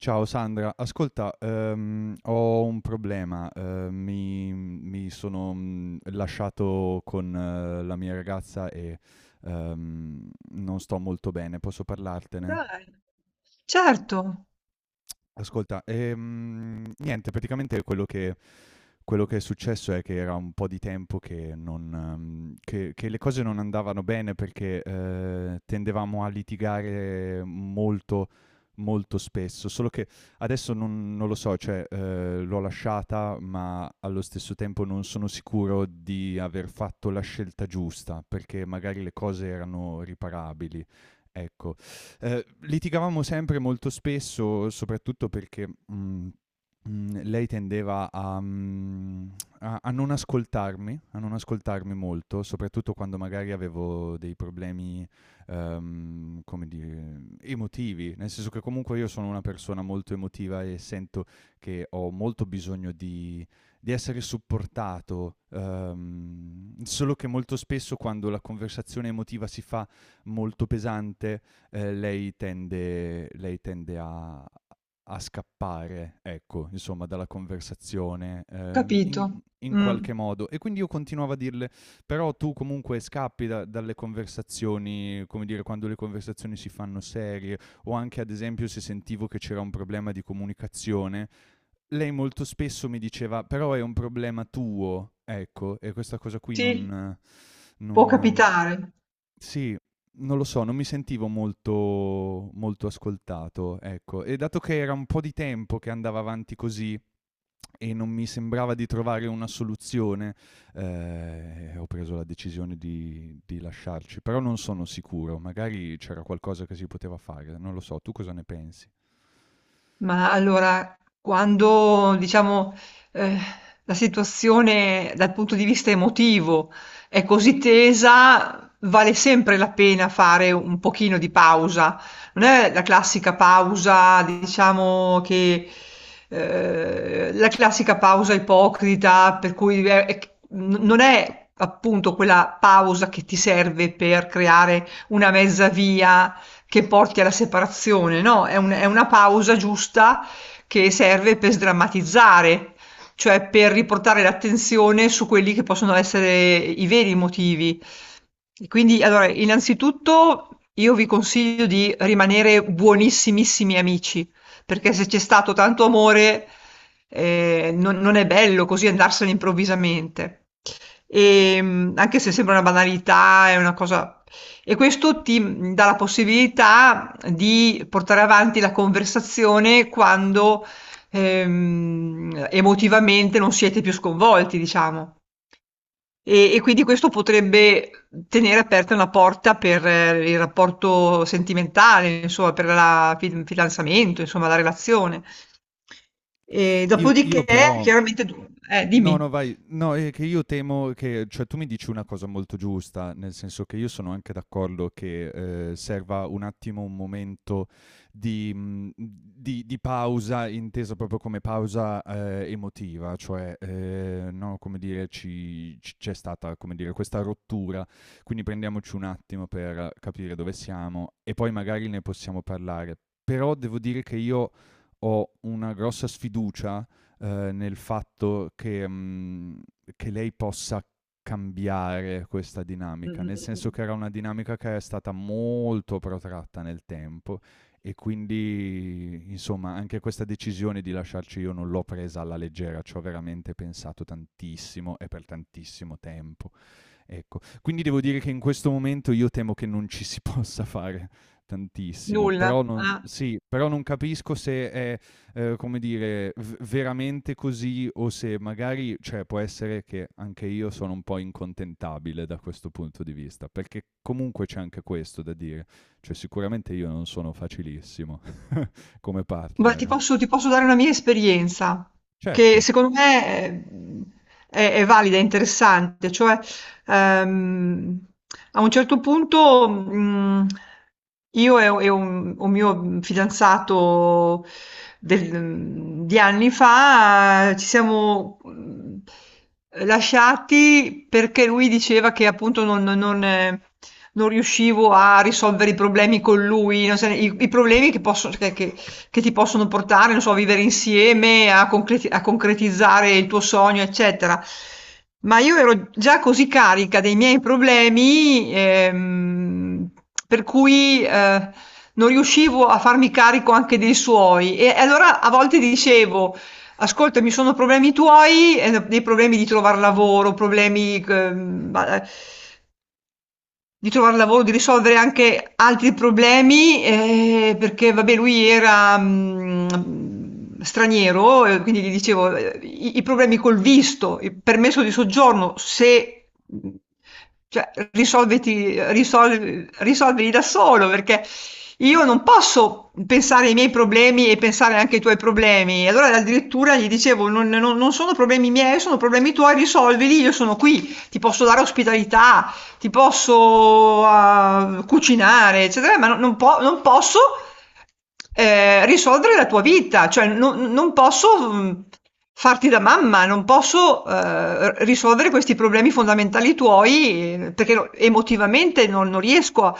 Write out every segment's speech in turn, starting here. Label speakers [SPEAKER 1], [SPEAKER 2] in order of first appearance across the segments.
[SPEAKER 1] Ciao Sandra, ascolta, ho un problema, mi sono lasciato con la mia ragazza e non sto molto bene, posso parlartene?
[SPEAKER 2] Dai, certo,
[SPEAKER 1] Ascolta, niente, praticamente quello che è successo è che era un po' di tempo che, non, che le cose non andavano bene perché tendevamo a litigare molto, molto spesso. Solo che adesso non lo so, cioè l'ho lasciata, ma allo stesso tempo non sono sicuro di aver fatto la scelta giusta perché magari le cose erano riparabili. Ecco. Litigavamo sempre molto spesso, soprattutto perché lei tendeva a non ascoltarmi, a non ascoltarmi molto, soprattutto quando magari avevo dei problemi, come dire, emotivi, nel senso che comunque io sono una persona molto emotiva e sento che ho molto bisogno di, essere supportato, solo che molto spesso quando la conversazione emotiva si fa molto pesante, lei tende a scappare, ecco, insomma, dalla conversazione,
[SPEAKER 2] capito.
[SPEAKER 1] in
[SPEAKER 2] Mh,
[SPEAKER 1] qualche modo. E quindi io continuavo a dirle: "Però tu comunque scappi da dalle conversazioni, come dire, quando le conversazioni si fanno serie", o anche ad esempio se sentivo che c'era un problema di comunicazione, lei molto spesso mi diceva: "Però è un problema tuo", ecco, e questa cosa qui
[SPEAKER 2] sì,
[SPEAKER 1] non
[SPEAKER 2] può
[SPEAKER 1] non
[SPEAKER 2] capitare.
[SPEAKER 1] sì, non lo so, non mi sentivo molto molto ascoltato, ecco. E dato che era un po' di tempo che andava avanti così e non mi sembrava di trovare una soluzione, ho preso la decisione di lasciarci, però non sono sicuro, magari c'era qualcosa che si poteva fare, non lo so, tu cosa ne pensi?
[SPEAKER 2] Ma allora, quando diciamo eh, la situazione dal punto di vista emotivo è così tesa, vale sempre la pena fare un pochino di pausa. Non è la classica pausa, diciamo che la classica pausa ipocrita, per cui non è appunto quella pausa che ti serve per creare una mezza via che porti alla separazione, no, è una pausa giusta che serve per sdrammatizzare, cioè per riportare l'attenzione su quelli che possono essere i veri motivi. E quindi, allora, innanzitutto io vi consiglio di rimanere buonissimissimi amici, perché se c'è stato tanto amore, non, non è bello così andarsene improvvisamente. Anche se sembra una banalità, è una cosa e questo ti, dà la possibilità di portare avanti la conversazione quando, emotivamente non siete più sconvolti, diciamo. E quindi questo potrebbe tenere aperta una porta per il rapporto sentimentale, insomma per la fidanzamento, insomma la relazione. E
[SPEAKER 1] Io
[SPEAKER 2] dopodiché
[SPEAKER 1] però
[SPEAKER 2] chiaramente du
[SPEAKER 1] No,
[SPEAKER 2] dimmi.
[SPEAKER 1] no, vai. No, è che io temo che cioè tu mi dici una cosa molto giusta, nel senso che io sono anche d'accordo che, serva un attimo un momento di mhmm, di pausa, intesa proprio come pausa, emotiva, cioè, no, come dire ci c c'è stata, come dire, questa rottura, quindi prendiamoci un attimo per capire dove siamo e poi magari ne possiamo parlare. Però devo dire che io ho una grossa sfiducia nel fatto che, lei possa cambiare questa dinamica,
[SPEAKER 2] Mh-mh,
[SPEAKER 1] nel senso
[SPEAKER 2] mh-mh.
[SPEAKER 1] che era una dinamica che è stata molto protratta nel tempo e quindi, insomma, anche questa decisione di lasciarci io non l'ho presa alla leggera, c'ho veramente pensato tantissimo e per tantissimo tempo. Ecco, quindi devo dire che in questo momento io temo che non ci si possa fare tantissimo,
[SPEAKER 2] Nulla, ah.
[SPEAKER 1] però non capisco se è, come dire, v veramente così o se magari cioè può essere che anche io sono un po' incontentabile da questo punto di vista, perché comunque c'è anche questo da dire, cioè sicuramente io non sono facilissimo come
[SPEAKER 2] Beh, ti
[SPEAKER 1] partner.
[SPEAKER 2] posso ti posso dare una mia esperienza, che
[SPEAKER 1] Certo.
[SPEAKER 2] secondo me è valida, è interessante. Cioè, ehm, a un certo punto, io e u e un mio fidanzato di anni fa ci siamo, lasciati perché lui diceva che appunto non riuscivo a risolvere i problemi con lui, non se i problemi che ti possono portare, non so, a vivere insieme, a concretizzare il tuo sogno, eccetera. Ma io ero già così carica dei miei problemi, per cui non riuscivo a farmi carico anche dei suoi. E allora a volte dicevo, ascolta, mi sono problemi tuoi, dei problemi di trovare lavoro, di trovar lavoro, di risolvere anche altri problemi, perché vabbè lui era, straniero e quindi gli dicevo, i problemi col visto, il permesso di soggiorno, se mhmm, cioè risolviti risolv risolvili da solo, perché io non posso pensare ai miei problemi e pensare anche ai tuoi problemi. E allora addirittura gli dicevo: "Non sono problemi miei, sono problemi tuoi, risolvili, io sono qui, ti posso dare ospitalità." Ti posso cucinare, eccetera, ma non posso risolvere la tua vita, cioè non posso farti da mamma, non posso risolvere questi problemi fondamentali tuoi perché emotivamente non riesco a,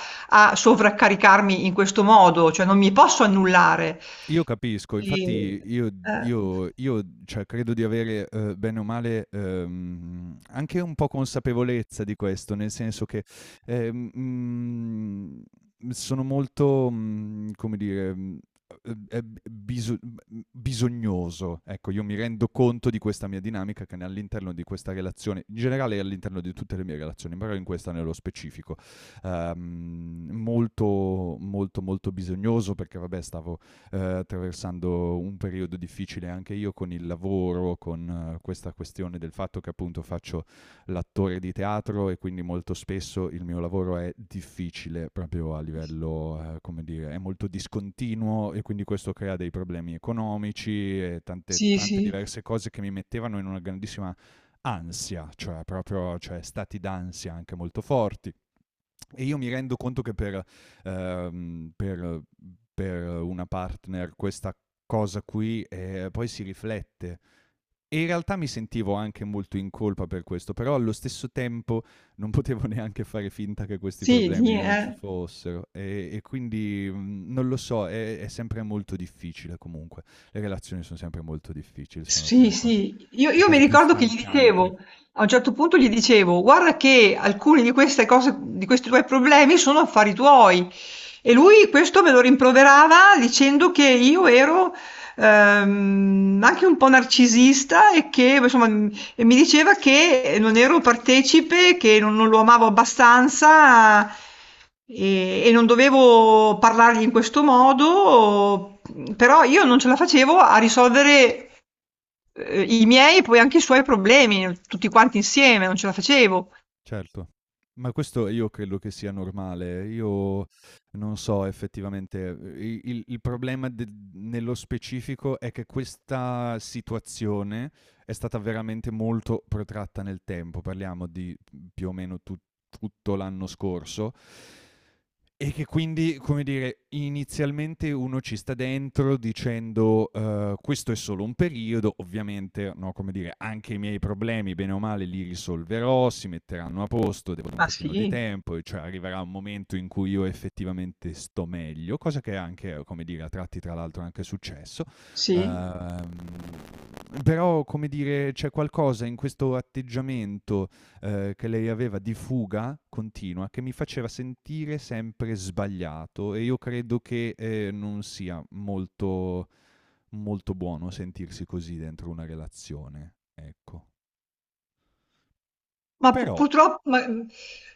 [SPEAKER 2] a sovraccaricarmi in questo modo, cioè non mi posso annullare.
[SPEAKER 1] Io capisco,
[SPEAKER 2] E,
[SPEAKER 1] infatti io
[SPEAKER 2] eh,
[SPEAKER 1] io io, cioè credo di avere, bene o male, anche un po' consapevolezza di questo, nel senso che, ehm, mhmm, sono molto, come dire, mhmm, e b biso mhmm, bisognoso. Ecco, io mi rendo conto di questa mia dinamica che n all'interno di questa relazione, in generale all'interno di tutte le mie relazioni, però in questa nello specifico. Molto, molto, molto bisognoso perché vabbè stavo attraversando un periodo difficile anche io con il lavoro, con questa questione del fatto che appunto faccio l'attore di teatro e quindi molto spesso il mio lavoro è difficile proprio a livello, come dire, è molto discontinuo e quindi questo crea dei problemi economici e tante,
[SPEAKER 2] sì,
[SPEAKER 1] tante
[SPEAKER 2] sì,
[SPEAKER 1] diverse cose che mi mettevano in una grandissima ansia, cioè proprio, cioè stati d'ansia anche molto forti. E io mi rendo conto che ehm, per- per una partner questa cosa qui poi si riflette. E in realtà mi sentivo anche molto in colpa per questo, però allo stesso tempo non potevo neanche fare finta che questi
[SPEAKER 2] sì,
[SPEAKER 1] problemi
[SPEAKER 2] ni-
[SPEAKER 1] non ci
[SPEAKER 2] eh.
[SPEAKER 1] fossero. E quindi non lo so, è sempre molto difficile comunque. Le relazioni sono sempre molto difficili, sono tra
[SPEAKER 2] Sì,
[SPEAKER 1] le cose,
[SPEAKER 2] sì, io, io mi
[SPEAKER 1] più
[SPEAKER 2] ricordo che gli
[SPEAKER 1] stancanti.
[SPEAKER 2] dicevo, a un certo punto gli dicevo, guarda che alcuni di queste cose, di questi tuoi problemi sono affari tuoi. E lui questo me lo rimproverava dicendo che io ero anche un po' narcisista e che insomma e mi diceva che non ero partecipe, che non lo amavo abbastanza e non dovevo parlargli in questo modo, però io non ce la facevo a risolvere i miei e poi anche i suoi problemi, tutti quanti insieme, non ce la facevo.
[SPEAKER 1] Certo. Ma questo io credo che sia normale. Io non so effettivamente, i il problema del nello specifico è che questa situazione è stata veramente molto protratta nel tempo. Parliamo di, più o meno tu tutto l'anno scorso e che quindi, come dire, inizialmente uno ci sta dentro dicendo: "Questo è solo un periodo, ovviamente", no, come dire, "anche i miei problemi bene o male li risolverò, si metteranno a posto, devono un
[SPEAKER 2] Ma sì,
[SPEAKER 1] pochino di tempo e cioè arriverà un momento in cui io effettivamente sto meglio", cosa che è anche, come dire, a tratti tra l'altro è anche successo.
[SPEAKER 2] Sì.
[SPEAKER 1] Uhm, però, come dire, c'è qualcosa in questo atteggiamento, che lei aveva di fuga continua che mi faceva sentire sempre sbagliato e io credo che non sia molto, molto buono sentirsi così dentro una relazione. Ecco.
[SPEAKER 2] Ma pu
[SPEAKER 1] Però
[SPEAKER 2] purtroppo ma mhmm,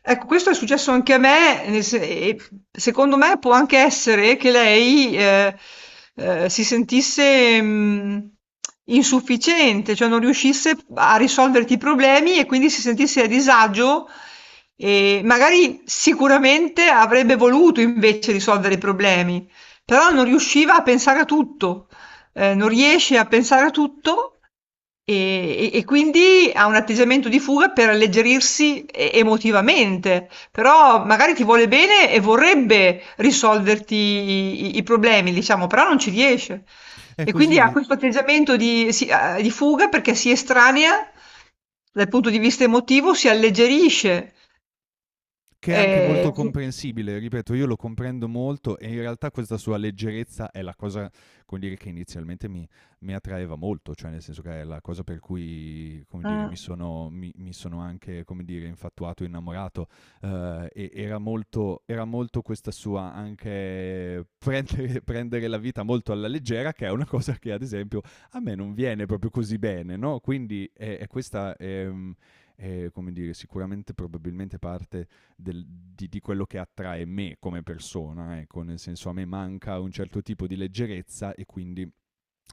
[SPEAKER 2] ecco questo è successo anche a me, nel se e secondo me può anche essere che lei, si sentisse, insufficiente, cioè non riuscisse a risolverti i problemi e quindi si sentisse a disagio e magari sicuramente avrebbe voluto invece risolvere i problemi, però non riusciva a pensare a tutto. Non riesci a pensare a tutto e e quindi ha un atteggiamento di fuga per alleggerirsi e emotivamente, però magari ti vuole bene e vorrebbe risolverti i problemi, diciamo, però non ci riesce.
[SPEAKER 1] è
[SPEAKER 2] E quindi ha
[SPEAKER 1] così.
[SPEAKER 2] questo atteggiamento di fuga perché si estranea dal punto di vista emotivo, si alleggerisce,
[SPEAKER 1] Che è anche molto
[SPEAKER 2] su
[SPEAKER 1] comprensibile, ripeto, io lo comprendo molto e in realtà questa sua leggerezza è la cosa, come dire, che inizialmente mi attraeva molto, cioè nel senso che è la cosa per cui, come dire,
[SPEAKER 2] mh,
[SPEAKER 1] mi sono anche, come dire, infatuato, innamorato. E era molto questa sua anche prendere, prendere la vita molto alla leggera, che è una cosa che ad esempio a me non viene proprio così bene, no? Quindi è questa. È, come dire, sicuramente probabilmente parte di quello che attrae me come persona, ecco, nel senso a me manca un certo tipo di leggerezza e quindi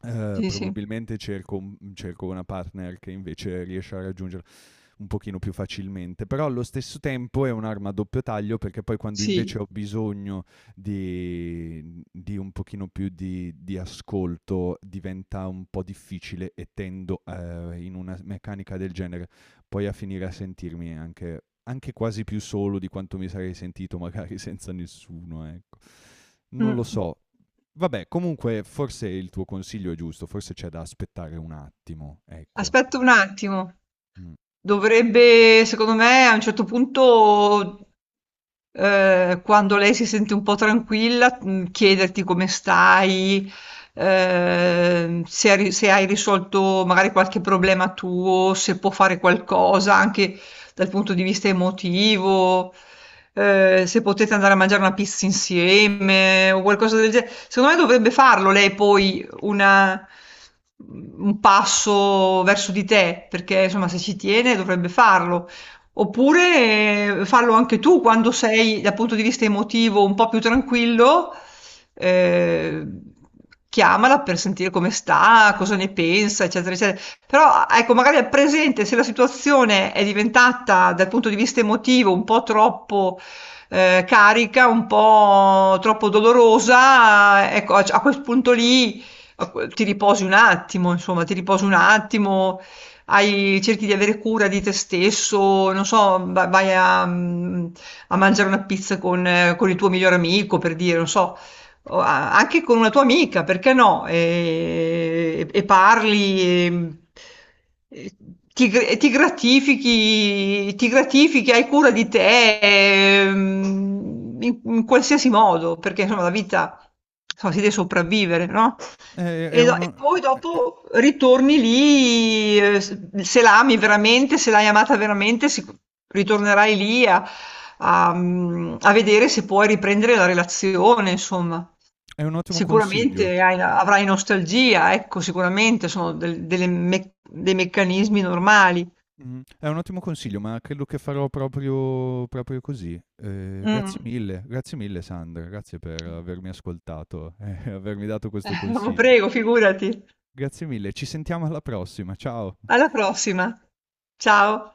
[SPEAKER 2] sì, sì,
[SPEAKER 1] probabilmente cerco una partner che invece riesce a raggiungere un pochino più facilmente, però allo stesso tempo è un'arma a doppio taglio perché poi quando invece
[SPEAKER 2] sì,
[SPEAKER 1] ho bisogno di, un pochino più di, ascolto diventa un po' difficile e tendo in una meccanica del genere poi a finire a sentirmi anche quasi più solo di quanto mi sarei sentito magari senza nessuno, ecco. Non lo
[SPEAKER 2] mh-mh.
[SPEAKER 1] so. Vabbè, comunque forse il tuo consiglio è giusto, forse c'è da aspettare un attimo, ecco.
[SPEAKER 2] Aspetta un attimo,
[SPEAKER 1] Mm.
[SPEAKER 2] dovrebbe secondo me a un certo punto, quando lei si sente un po' tranquilla, chiederti come stai, se hai risolto magari qualche problema tuo, se può fare qualcosa anche dal punto di vista emotivo, se potete andare a mangiare una pizza insieme o qualcosa del ge secondo me dovrebbe farlo lei, poi un passo verso di te, perché insomma se ci tiene dovrebbe farlo. Oppure fallo anche tu quando sei dal punto di vista emotivo un po' più tranquillo, eh, chiamala per sentire come sta, cosa ne pensa, eccetera, eccetera. Però ecco, magari al presente, se la situazione è diventata dal punto di vista emotivo un po' troppo carica, un po' troppo dolorosa, ecco, a quel punto lì ti riposi un attimo, insomma, ti riposi un attimo, hai cerchi di avere cura di te stesso, non so, vai a mangiare una pizza con il tuo migliore amico, per dire, non so, o anche con una tua amica, perché no? E parli, e ti gratifichi, ti gratifichi, hai cura di te, in, in qualsiasi modo, perché insomma la vita, insomma, si deve sopravvivere, no?
[SPEAKER 1] È, è
[SPEAKER 2] E
[SPEAKER 1] uno.
[SPEAKER 2] poi dopo ritorni lì, se l'ami veramente, se l'hai amata veramente, ritornerai lì a vedere se puoi riprendere la relazione, insomma.
[SPEAKER 1] È un ottimo
[SPEAKER 2] Sicuramente
[SPEAKER 1] consiglio.
[SPEAKER 2] avrai nostalgia, ecco, sicuramente sono dei meccanismi normali.
[SPEAKER 1] Mh-mh. È un ottimo consiglio, ma credo che farò proprio proprio così. Grazie
[SPEAKER 2] Mm.
[SPEAKER 1] mille, grazie mille Sandra, grazie per avermi ascoltato e avermi dato questo consiglio.
[SPEAKER 2] Prego, figurati.
[SPEAKER 1] Grazie mille, ci sentiamo alla prossima, ciao.
[SPEAKER 2] Alla prossima. Ciao.